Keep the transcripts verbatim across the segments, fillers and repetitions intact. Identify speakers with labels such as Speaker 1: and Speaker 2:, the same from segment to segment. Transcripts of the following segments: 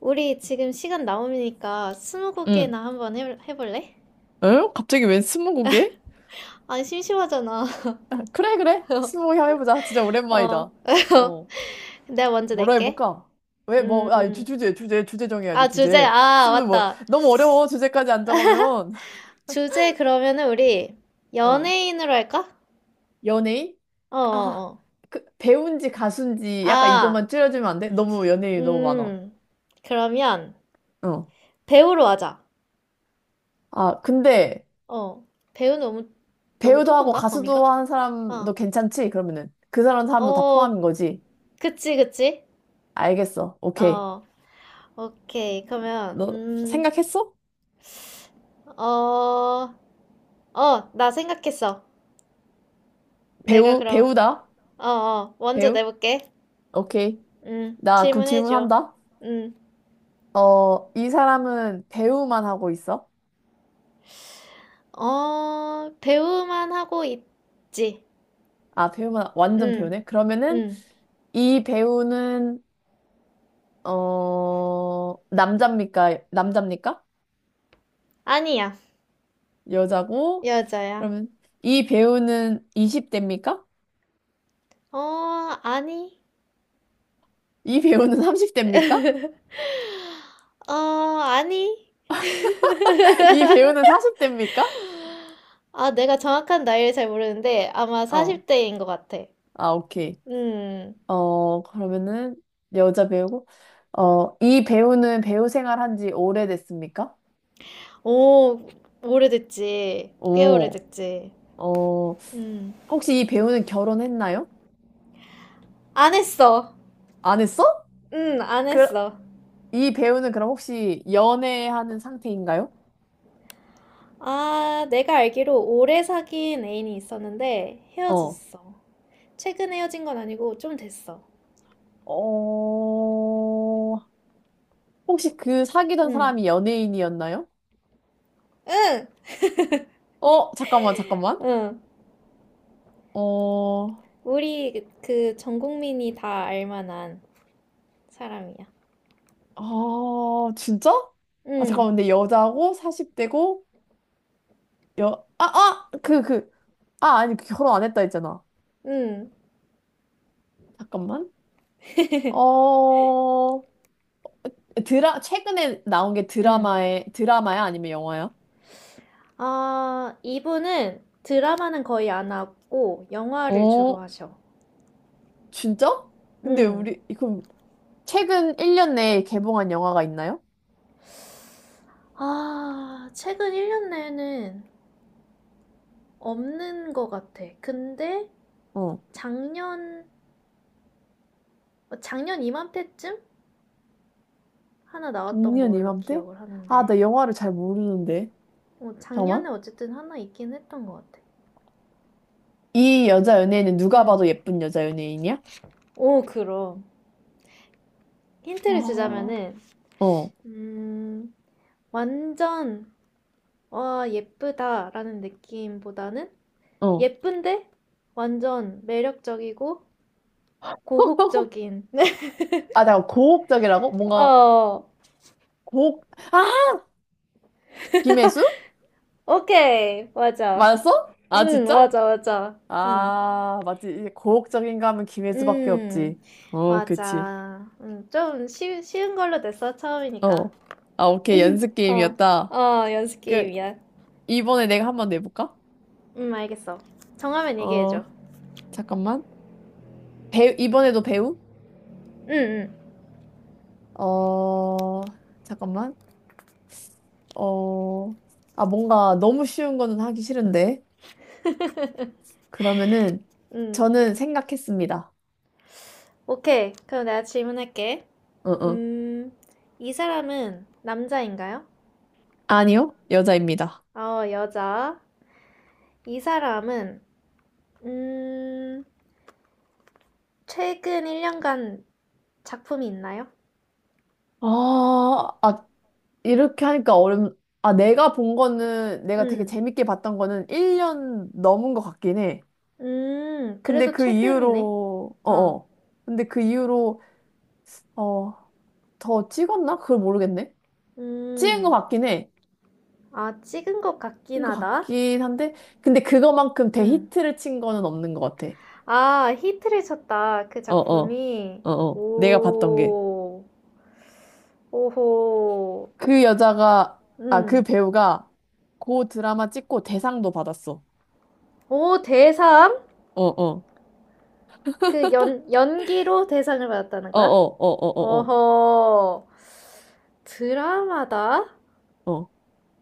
Speaker 1: 우리 지금 시간 남으니까
Speaker 2: 응.
Speaker 1: 스무고개나 한번 해, 해볼래?
Speaker 2: 어? 갑자기 웬 스무고개?
Speaker 1: 아니, 심심하잖아.
Speaker 2: 그래, 그래. 스무고개 한번 해보자. 진짜
Speaker 1: 어,
Speaker 2: 오랜만이다. 어.
Speaker 1: 내가 먼저
Speaker 2: 뭐로
Speaker 1: 낼게.
Speaker 2: 해볼까? 왜,
Speaker 1: 음,
Speaker 2: 뭐, 아, 주, 주제, 주제, 주제 정해야지,
Speaker 1: 아, 주제,
Speaker 2: 주제.
Speaker 1: 아,
Speaker 2: 스무, 뭐,
Speaker 1: 맞다.
Speaker 2: 너무 어려워. 주제까지 안 정하면.
Speaker 1: 주제 그러면은 우리
Speaker 2: 어.
Speaker 1: 연예인으로 할까?
Speaker 2: 연예인?
Speaker 1: 어, 어,
Speaker 2: 아,
Speaker 1: 어.
Speaker 2: 그, 배우인지 가수인지 약간
Speaker 1: 아,
Speaker 2: 이것만 줄여주면 안 돼? 너무 연예인이 너무 많아.
Speaker 1: 음, 그러면
Speaker 2: 어.
Speaker 1: 배우로 하자.
Speaker 2: 아, 근데
Speaker 1: 어, 배우 너무, 너무
Speaker 2: 배우도 하고
Speaker 1: 좁은가?
Speaker 2: 가수도
Speaker 1: 범위가?
Speaker 2: 하는 사람도
Speaker 1: 어,
Speaker 2: 괜찮지? 그러면은. 그 사람 사람도 다
Speaker 1: 어,
Speaker 2: 포함인 거지.
Speaker 1: 그치, 그치.
Speaker 2: 알겠어. 오케이.
Speaker 1: 어, 오케이. 그러면,
Speaker 2: 너
Speaker 1: 음,
Speaker 2: 생각했어?
Speaker 1: 어, 어, 나 생각했어. 내가
Speaker 2: 배우,
Speaker 1: 그럼,
Speaker 2: 배우다.
Speaker 1: 어, 어, 먼저
Speaker 2: 배우?
Speaker 1: 내볼게.
Speaker 2: 오케이.
Speaker 1: 음,
Speaker 2: 나 그럼
Speaker 1: 질문해줘.
Speaker 2: 질문한다.
Speaker 1: 음,
Speaker 2: 어, 이 사람은 배우만 하고 있어?
Speaker 1: 어, 배우만 하고 있지.
Speaker 2: 아, 배우만, 완전
Speaker 1: 음,
Speaker 2: 배우네? 그러면은
Speaker 1: 음,
Speaker 2: 이 배우는, 어, 남자입니까? 남자입니까?
Speaker 1: 아니야.
Speaker 2: 여자고?
Speaker 1: 여자야.
Speaker 2: 그러면 이 배우는 이십 대입니까?
Speaker 1: 어, 아니.
Speaker 2: 이 배우는 삼십 대입니까?
Speaker 1: 어, 아니.
Speaker 2: 이 배우는 사십 대입니까?
Speaker 1: 아, 내가 정확한 나이를 잘 모르는데 아마
Speaker 2: 어,
Speaker 1: 사십 대인 것 같아.
Speaker 2: 아, 오케이.
Speaker 1: 음,
Speaker 2: 어, 그러면은 여자 배우고, 어, 이 배우는 배우 생활한 지 오래됐습니까?
Speaker 1: 오, 오래됐지. 꽤
Speaker 2: 오.
Speaker 1: 오래됐지.
Speaker 2: 어,
Speaker 1: 음,
Speaker 2: 혹시 이 배우는 결혼했나요?
Speaker 1: 안 했어.
Speaker 2: 안 했어?
Speaker 1: 음, 안
Speaker 2: 그,
Speaker 1: 했어.
Speaker 2: 이 배우는 그럼 혹시 연애하는 상태인가요?
Speaker 1: 아, 내가 알기로 오래 사귄 애인이 있었는데
Speaker 2: 어.
Speaker 1: 헤어졌어. 최근 헤어진 건 아니고 좀 됐어.
Speaker 2: 어, 혹시 그 사귀던
Speaker 1: 응,
Speaker 2: 사람이 연예인이었나요?
Speaker 1: 응,
Speaker 2: 어, 잠깐만, 잠깐만.
Speaker 1: 응.
Speaker 2: 어,
Speaker 1: 우리 그 전 국민이 다 알만한 사람이야.
Speaker 2: 아, 진짜? 아,
Speaker 1: 응,
Speaker 2: 잠깐만, 근데 여자고, 사십 대고, 여, 아, 아! 그, 그, 아, 아니, 그 결혼 안 했다 했잖아.
Speaker 1: 응,
Speaker 2: 잠깐만. 어, 드라, 최근에 나온 게
Speaker 1: 응.
Speaker 2: 드라마에, 드라마야? 아니면 영화야?
Speaker 1: 아, 이분은 드라마는 거의 안 하고 영화를 주로
Speaker 2: 어,
Speaker 1: 하셔.
Speaker 2: 진짜? 근데
Speaker 1: 응.
Speaker 2: 우리 그럼 최근 일 년 내에 개봉한 영화가 있나요?
Speaker 1: 아, 최근 일 년 내는 없는 것 같아. 근데
Speaker 2: 어.
Speaker 1: 작년, 어, 작년 이맘때쯤? 하나 나왔던
Speaker 2: 작년
Speaker 1: 걸로
Speaker 2: 이맘때?
Speaker 1: 기억을
Speaker 2: 아,
Speaker 1: 하는데
Speaker 2: 나 영화를 잘 모르는데.
Speaker 1: 어, 작년에
Speaker 2: 잠깐만.
Speaker 1: 어쨌든 하나 있긴 했던 것 같아.
Speaker 2: 이 여자 연예인은 누가
Speaker 1: 응.
Speaker 2: 봐도 예쁜 여자 연예인이야?
Speaker 1: 오, 그럼
Speaker 2: 아,
Speaker 1: 힌트를
Speaker 2: 어,
Speaker 1: 주자면은, 음, 완전 와 예쁘다라는 느낌보다는
Speaker 2: 어.
Speaker 1: 예쁜데 완전 매력적이고 고혹적인.
Speaker 2: 아, 잠깐 고혹적이라고? 뭔가
Speaker 1: 어,
Speaker 2: 고혹 아, 김혜수?
Speaker 1: 오케이 맞아.
Speaker 2: 맞았어? 아,
Speaker 1: 응,
Speaker 2: 진짜?
Speaker 1: 맞아 맞아. 응.
Speaker 2: 아, 맞지. 이게 고혹적인가 하면 김혜수밖에
Speaker 1: 음,
Speaker 2: 없지. 어, 그치.
Speaker 1: 맞아. 음, 좀 쉬, 쉬운 걸로 됐어 처음이니까.
Speaker 2: 어. 아, 오케이. 연습
Speaker 1: 어,
Speaker 2: 게임이었다.
Speaker 1: 어, 연습
Speaker 2: 그,
Speaker 1: 게임이야.
Speaker 2: 이번에 내가 한번 내볼까?
Speaker 1: 음, 알겠어. 정하면
Speaker 2: 어,
Speaker 1: 얘기해줘.
Speaker 2: 잠깐만. 배우, 이번에도 배우?
Speaker 1: 응, 응,
Speaker 2: 어, 잠깐만. 어, 아, 뭔가 너무 쉬운 거는 하기 싫은데. 그러면은,
Speaker 1: 응.
Speaker 2: 저는 생각했습니다.
Speaker 1: 오케이. 그럼 내가 질문할게.
Speaker 2: 응, 응.
Speaker 1: 음, 이 사람은 남자인가요?
Speaker 2: 아니요, 여자입니다.
Speaker 1: 어, 여자. 이 사람은, 음, 최근 일 년간 작품이 있나요?
Speaker 2: 아, 아, 이렇게 하니까 어렵, 아, 내가 본 거는, 내가 되게
Speaker 1: 음,
Speaker 2: 재밌게 봤던 거는 일 년 넘은 것 같긴 해.
Speaker 1: 음,
Speaker 2: 근데
Speaker 1: 그래도
Speaker 2: 그
Speaker 1: 최근이네.
Speaker 2: 이후로,
Speaker 1: 어,
Speaker 2: 어어. 근데 그 이후로, 어, 더 찍었나? 그걸 모르겠네. 찍은 것
Speaker 1: 음,
Speaker 2: 같긴 해.
Speaker 1: 아, 찍은 것 같긴
Speaker 2: 것
Speaker 1: 하다.
Speaker 2: 같긴 한데, 근데 그거만큼
Speaker 1: 음,
Speaker 2: 대히트를 친 거는 없는 것 같아.
Speaker 1: 아, 히트를 쳤다. 그
Speaker 2: 어, 어,
Speaker 1: 작품이.
Speaker 2: 어, 어. 내가 봤던 게.
Speaker 1: 오, 오호.
Speaker 2: 그 여자가, 아, 그
Speaker 1: 음.
Speaker 2: 배우가 그 드라마 찍고 대상도 받았어.
Speaker 1: 오, 대상?
Speaker 2: 어, 어,
Speaker 1: 그 연, 연기로 대상을 받았다는
Speaker 2: 어, 어,
Speaker 1: 거야?
Speaker 2: 어, 어, 어,
Speaker 1: 어허. 드라마다?
Speaker 2: 어,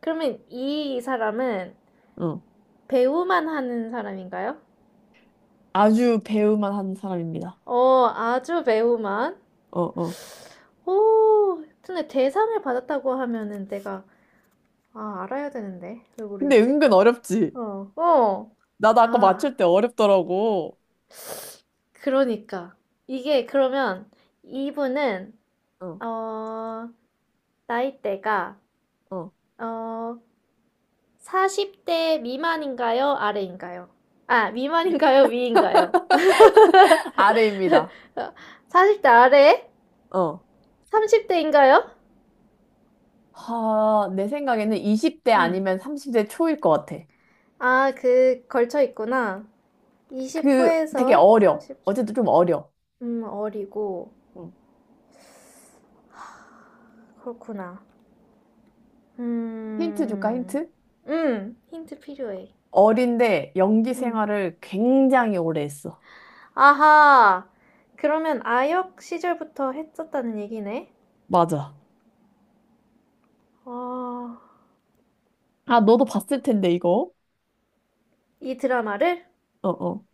Speaker 1: 그러면 이 사람은
Speaker 2: 어. 어.
Speaker 1: 배우만 하는 사람인가요?
Speaker 2: 아주 배우만 한 사람입니다.
Speaker 1: 어, 아주 배우만.
Speaker 2: 어, 어.
Speaker 1: 오, 근데 대상을 받았다고 하면은 내가, 아, 알아야 되는데. 왜
Speaker 2: 근데
Speaker 1: 모르겠지?
Speaker 2: 은근 어렵지.
Speaker 1: 어, 어.
Speaker 2: 나도 아까
Speaker 1: 아.
Speaker 2: 맞출 때 어렵더라고.
Speaker 1: 그러니까 이게 그러면 이분은,
Speaker 2: 어,
Speaker 1: 어, 나이대가,
Speaker 2: 어.
Speaker 1: 어, 사십 대 미만인가요? 아래인가요? 아, 미만인가요? 위인가요?
Speaker 2: 아래입니다.
Speaker 1: 사십 대 아래?
Speaker 2: 어.
Speaker 1: 삼십 대인가요?
Speaker 2: 하, 내 생각에는 이십 대
Speaker 1: 음.
Speaker 2: 아니면 삼십 대 초일 것 같아.
Speaker 1: 아, 그 걸쳐 있구나. 이십
Speaker 2: 그 되게
Speaker 1: 후에서
Speaker 2: 어려.
Speaker 1: 삼십 중.
Speaker 2: 어제도 좀 어려.
Speaker 1: 음, 어리고
Speaker 2: 응.
Speaker 1: 그렇구나.
Speaker 2: 힌트 줄까,
Speaker 1: 음.
Speaker 2: 힌트?
Speaker 1: 음, 힌트 필요해.
Speaker 2: 어린데 연기
Speaker 1: 음.
Speaker 2: 생활을 굉장히 오래 했어.
Speaker 1: 아하. 그러면 아역 시절부터 했었다는 얘기네.
Speaker 2: 맞아.
Speaker 1: 아,
Speaker 2: 아, 너도 봤을 텐데, 이거.
Speaker 1: 이 드라마를?
Speaker 2: 어, 어.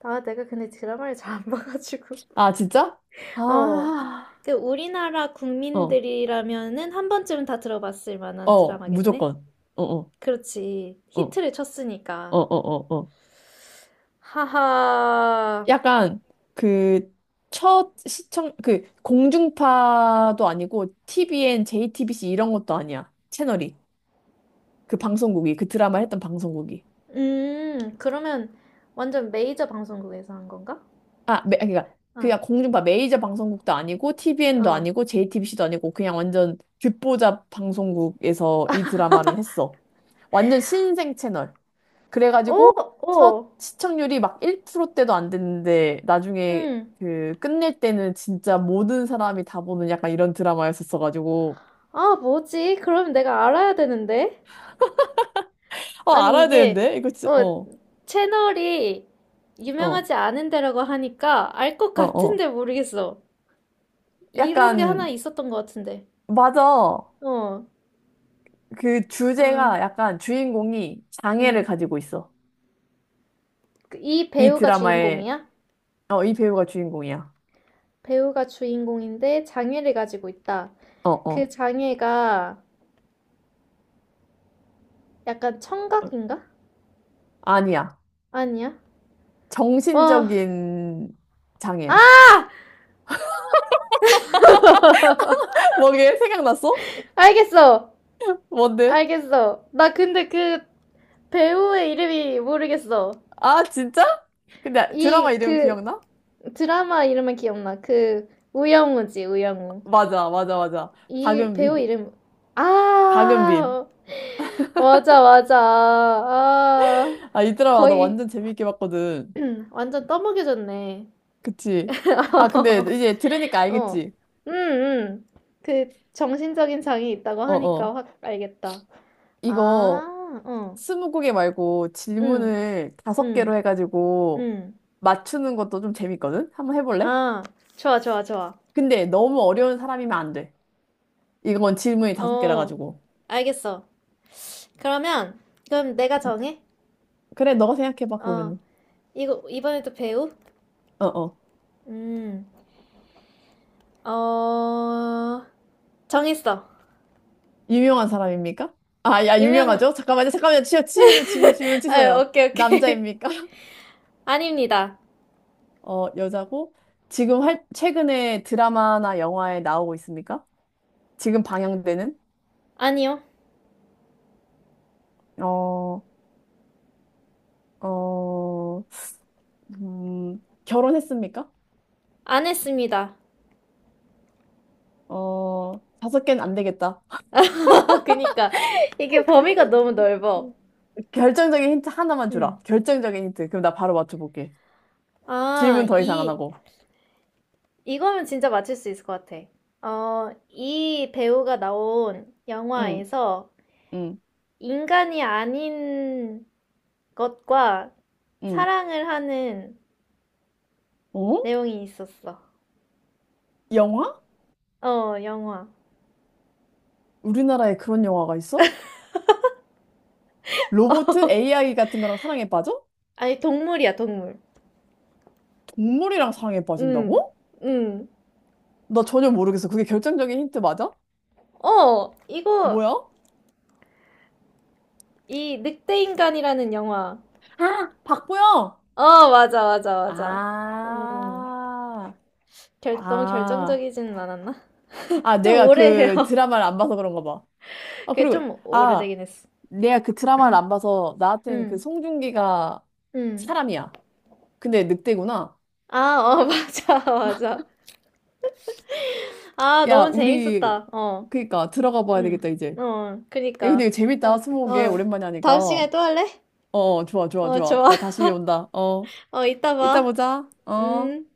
Speaker 1: 아, 내가 근데 드라마를 잘 안 봐가지고.
Speaker 2: 아, 진짜?
Speaker 1: 어.
Speaker 2: 아,
Speaker 1: 그 우리나라
Speaker 2: 어,
Speaker 1: 국민들이라면은 한 번쯤은 다 들어봤을 만한
Speaker 2: 어,
Speaker 1: 드라마겠네?
Speaker 2: 무조건. 어, 어,
Speaker 1: 그렇지.
Speaker 2: 어,
Speaker 1: 히트를
Speaker 2: 어,
Speaker 1: 쳤으니까.
Speaker 2: 어, 어. 어.
Speaker 1: 하하.
Speaker 2: 약간 그 첫 시청, 그 공중파도 아니고 티비엔, 제이티비씨 이런 것도 아니야. 채널이. 그 방송국이, 그 드라마 했던 방송국이.
Speaker 1: 음, 그러면 완전 메이저 방송국에서 한 건가?
Speaker 2: 아, 매, 그러니까
Speaker 1: 아,
Speaker 2: 그냥 공중파 메이저 방송국도 아니고 티비엔도
Speaker 1: 어.
Speaker 2: 아니고 제이티비씨도 아니고 그냥 완전 귓보잡 방송국에서 이 드라마를 했어. 완전 신생 채널.
Speaker 1: 오,
Speaker 2: 그래가지고 첫
Speaker 1: 오.
Speaker 2: 시청률이 막 일 퍼센트대도 안 됐는데 나중에
Speaker 1: 음.
Speaker 2: 그 끝낼 때는 진짜 모든 사람이 다 보는 약간 이런 드라마였었어가지고
Speaker 1: 아, 뭐지? 그럼 내가 알아야 되는데.
Speaker 2: 어
Speaker 1: 아니,
Speaker 2: 알아야
Speaker 1: 이게,
Speaker 2: 되는데 이거 진
Speaker 1: 어,
Speaker 2: 어,
Speaker 1: 채널이
Speaker 2: 어,
Speaker 1: 유명하지 않은 데라고 하니까 알 것
Speaker 2: 어, 어.
Speaker 1: 같은데 모르겠어. 이런 게 하나
Speaker 2: 약간
Speaker 1: 있었던 것 같은데.
Speaker 2: 맞아.
Speaker 1: 어,
Speaker 2: 그
Speaker 1: 어,
Speaker 2: 주제가 약간 주인공이 장애를
Speaker 1: 음.
Speaker 2: 가지고 있어.
Speaker 1: 그이
Speaker 2: 이
Speaker 1: 배우가
Speaker 2: 드라마의,
Speaker 1: 주인공이야?
Speaker 2: 어, 이 배우가 주인공이야.
Speaker 1: 배우가 주인공인데 장애를 가지고 있다.
Speaker 2: 어,
Speaker 1: 그
Speaker 2: 어.
Speaker 1: 장애가 약간
Speaker 2: 어,
Speaker 1: 청각인가?
Speaker 2: 아니야.
Speaker 1: 아니야? 어,
Speaker 2: 정신적인 장애야.
Speaker 1: 아!
Speaker 2: 뭐게? 생각났어?
Speaker 1: 알겠어!
Speaker 2: 뭔데?
Speaker 1: 알겠어. 나 근데 그 배우의 이름이 모르겠어.
Speaker 2: 아, 진짜? 근데 드라마
Speaker 1: 이,
Speaker 2: 이름
Speaker 1: 그,
Speaker 2: 기억나?
Speaker 1: 드라마 이름은 기억나. 그 우영우지, 우영우.
Speaker 2: 맞아, 맞아, 맞아.
Speaker 1: 이 배우
Speaker 2: 박은빈.
Speaker 1: 이름.
Speaker 2: 박은빈.
Speaker 1: 아 맞아 맞아 아
Speaker 2: 아, 이 드라마 나
Speaker 1: 거의
Speaker 2: 완전 재밌게 봤거든.
Speaker 1: 완전 떠먹여졌네.
Speaker 2: 그치? 아, 근데 이제 들으니까
Speaker 1: 어,
Speaker 2: 알겠지?
Speaker 1: 음, 음. 그 정신적인 장애 있다고
Speaker 2: 어,
Speaker 1: 하니까
Speaker 2: 어.
Speaker 1: 확 알겠다.
Speaker 2: 이거
Speaker 1: 아, 어,
Speaker 2: 스무 곡개 말고
Speaker 1: 음,
Speaker 2: 질문을 다섯 개로
Speaker 1: 음,
Speaker 2: 해가지고
Speaker 1: 음.
Speaker 2: 맞추는 것도 좀 재밌거든? 한번 해볼래?
Speaker 1: 아, 좋아, 좋아, 좋아.
Speaker 2: 근데 너무 어려운 사람이면 안 돼. 이건 질문이 다섯 개라
Speaker 1: 어,
Speaker 2: 가지고.
Speaker 1: 알겠어. 그러면 그럼 내가 정해?
Speaker 2: 그래, 너가 생각해봐,
Speaker 1: 어.
Speaker 2: 그러면은.
Speaker 1: 이거 이번에도 배우?
Speaker 2: 어, 어.
Speaker 1: 음, 어, 정했어.
Speaker 2: 유명한 사람입니까? 아, 야,
Speaker 1: 유명,
Speaker 2: 유명하죠? 잠깐만요, 잠깐만요. 치, 질문, 질문, 질문
Speaker 1: 아,
Speaker 2: 치세요.
Speaker 1: 오케이, 오케이.
Speaker 2: 남자입니까?
Speaker 1: 아닙니다.
Speaker 2: 어, 여자고? 지금 할, 최근에 드라마나 영화에 나오고 있습니까? 지금 방영되는?
Speaker 1: 아니요.
Speaker 2: 어, 어, 음, 결혼했습니까?
Speaker 1: 안 했습니다.
Speaker 2: 어, 다섯 개는 안 되겠다.
Speaker 1: 그니까, 이게 범위가 너무 넓어.
Speaker 2: 결정적인 힌트 하나만
Speaker 1: 음.
Speaker 2: 주라. 결정적인 힌트. 그럼 나 바로 맞춰볼게.
Speaker 1: 아,
Speaker 2: 질문 더 이상 안
Speaker 1: 이,
Speaker 2: 하고.
Speaker 1: 이거면 진짜 맞출 수 있을 것 같아. 어, 이 배우가 나온
Speaker 2: 응,
Speaker 1: 영화에서
Speaker 2: 응,
Speaker 1: 인간이 아닌 것과
Speaker 2: 응.
Speaker 1: 사랑을 하는
Speaker 2: 어?
Speaker 1: 내용이 있었어.
Speaker 2: 영화?
Speaker 1: 어, 영화.
Speaker 2: 우리나라에 그런 영화가 있어? 로봇? 에이아이 같은 거랑 사랑에 빠져?
Speaker 1: 아니, 동물이야, 동물.
Speaker 2: 동물이랑 사랑에
Speaker 1: 응,
Speaker 2: 빠진다고?
Speaker 1: 응.
Speaker 2: 나 전혀 모르겠어. 그게 결정적인 힌트 맞아?
Speaker 1: 어, 이거,
Speaker 2: 뭐야?
Speaker 1: 이 늑대인간이라는 영화.
Speaker 2: 아, 박보영!
Speaker 1: 어, 맞아, 맞아, 맞아. 음,
Speaker 2: 아,
Speaker 1: 결, 너무
Speaker 2: 아,
Speaker 1: 결정적이지는 않았나?
Speaker 2: 아,
Speaker 1: 좀
Speaker 2: 내가 그
Speaker 1: 오래해요.
Speaker 2: 드라마를 안 봐서 그런가 봐. 아,
Speaker 1: 그게
Speaker 2: 그리고,
Speaker 1: 좀
Speaker 2: 아,
Speaker 1: 오래되긴 했어.
Speaker 2: 내가 그 드라마를 안 봐서 나한테는 그
Speaker 1: 응,
Speaker 2: 송중기가
Speaker 1: 응.
Speaker 2: 사람이야. 근데 늑대구나.
Speaker 1: 아, 어, 맞아, 맞아. 아,
Speaker 2: 야,
Speaker 1: 너무
Speaker 2: 우리,
Speaker 1: 재밌었다. 어,
Speaker 2: 그니까, 들어가 봐야
Speaker 1: 응,
Speaker 2: 되겠다, 이제.
Speaker 1: 어,
Speaker 2: 야,
Speaker 1: 그니까.
Speaker 2: 근데 이거
Speaker 1: 아,
Speaker 2: 재밌다, 스무고개.
Speaker 1: 어,
Speaker 2: 오랜만에 하니까.
Speaker 1: 다음 시간에
Speaker 2: 어,
Speaker 1: 또 할래?
Speaker 2: 어, 좋아, 좋아,
Speaker 1: 어,
Speaker 2: 좋아.
Speaker 1: 좋아.
Speaker 2: 나 다시 온다. 어,
Speaker 1: 어, 이따
Speaker 2: 이따
Speaker 1: 봐.
Speaker 2: 보자. 어.
Speaker 1: 음.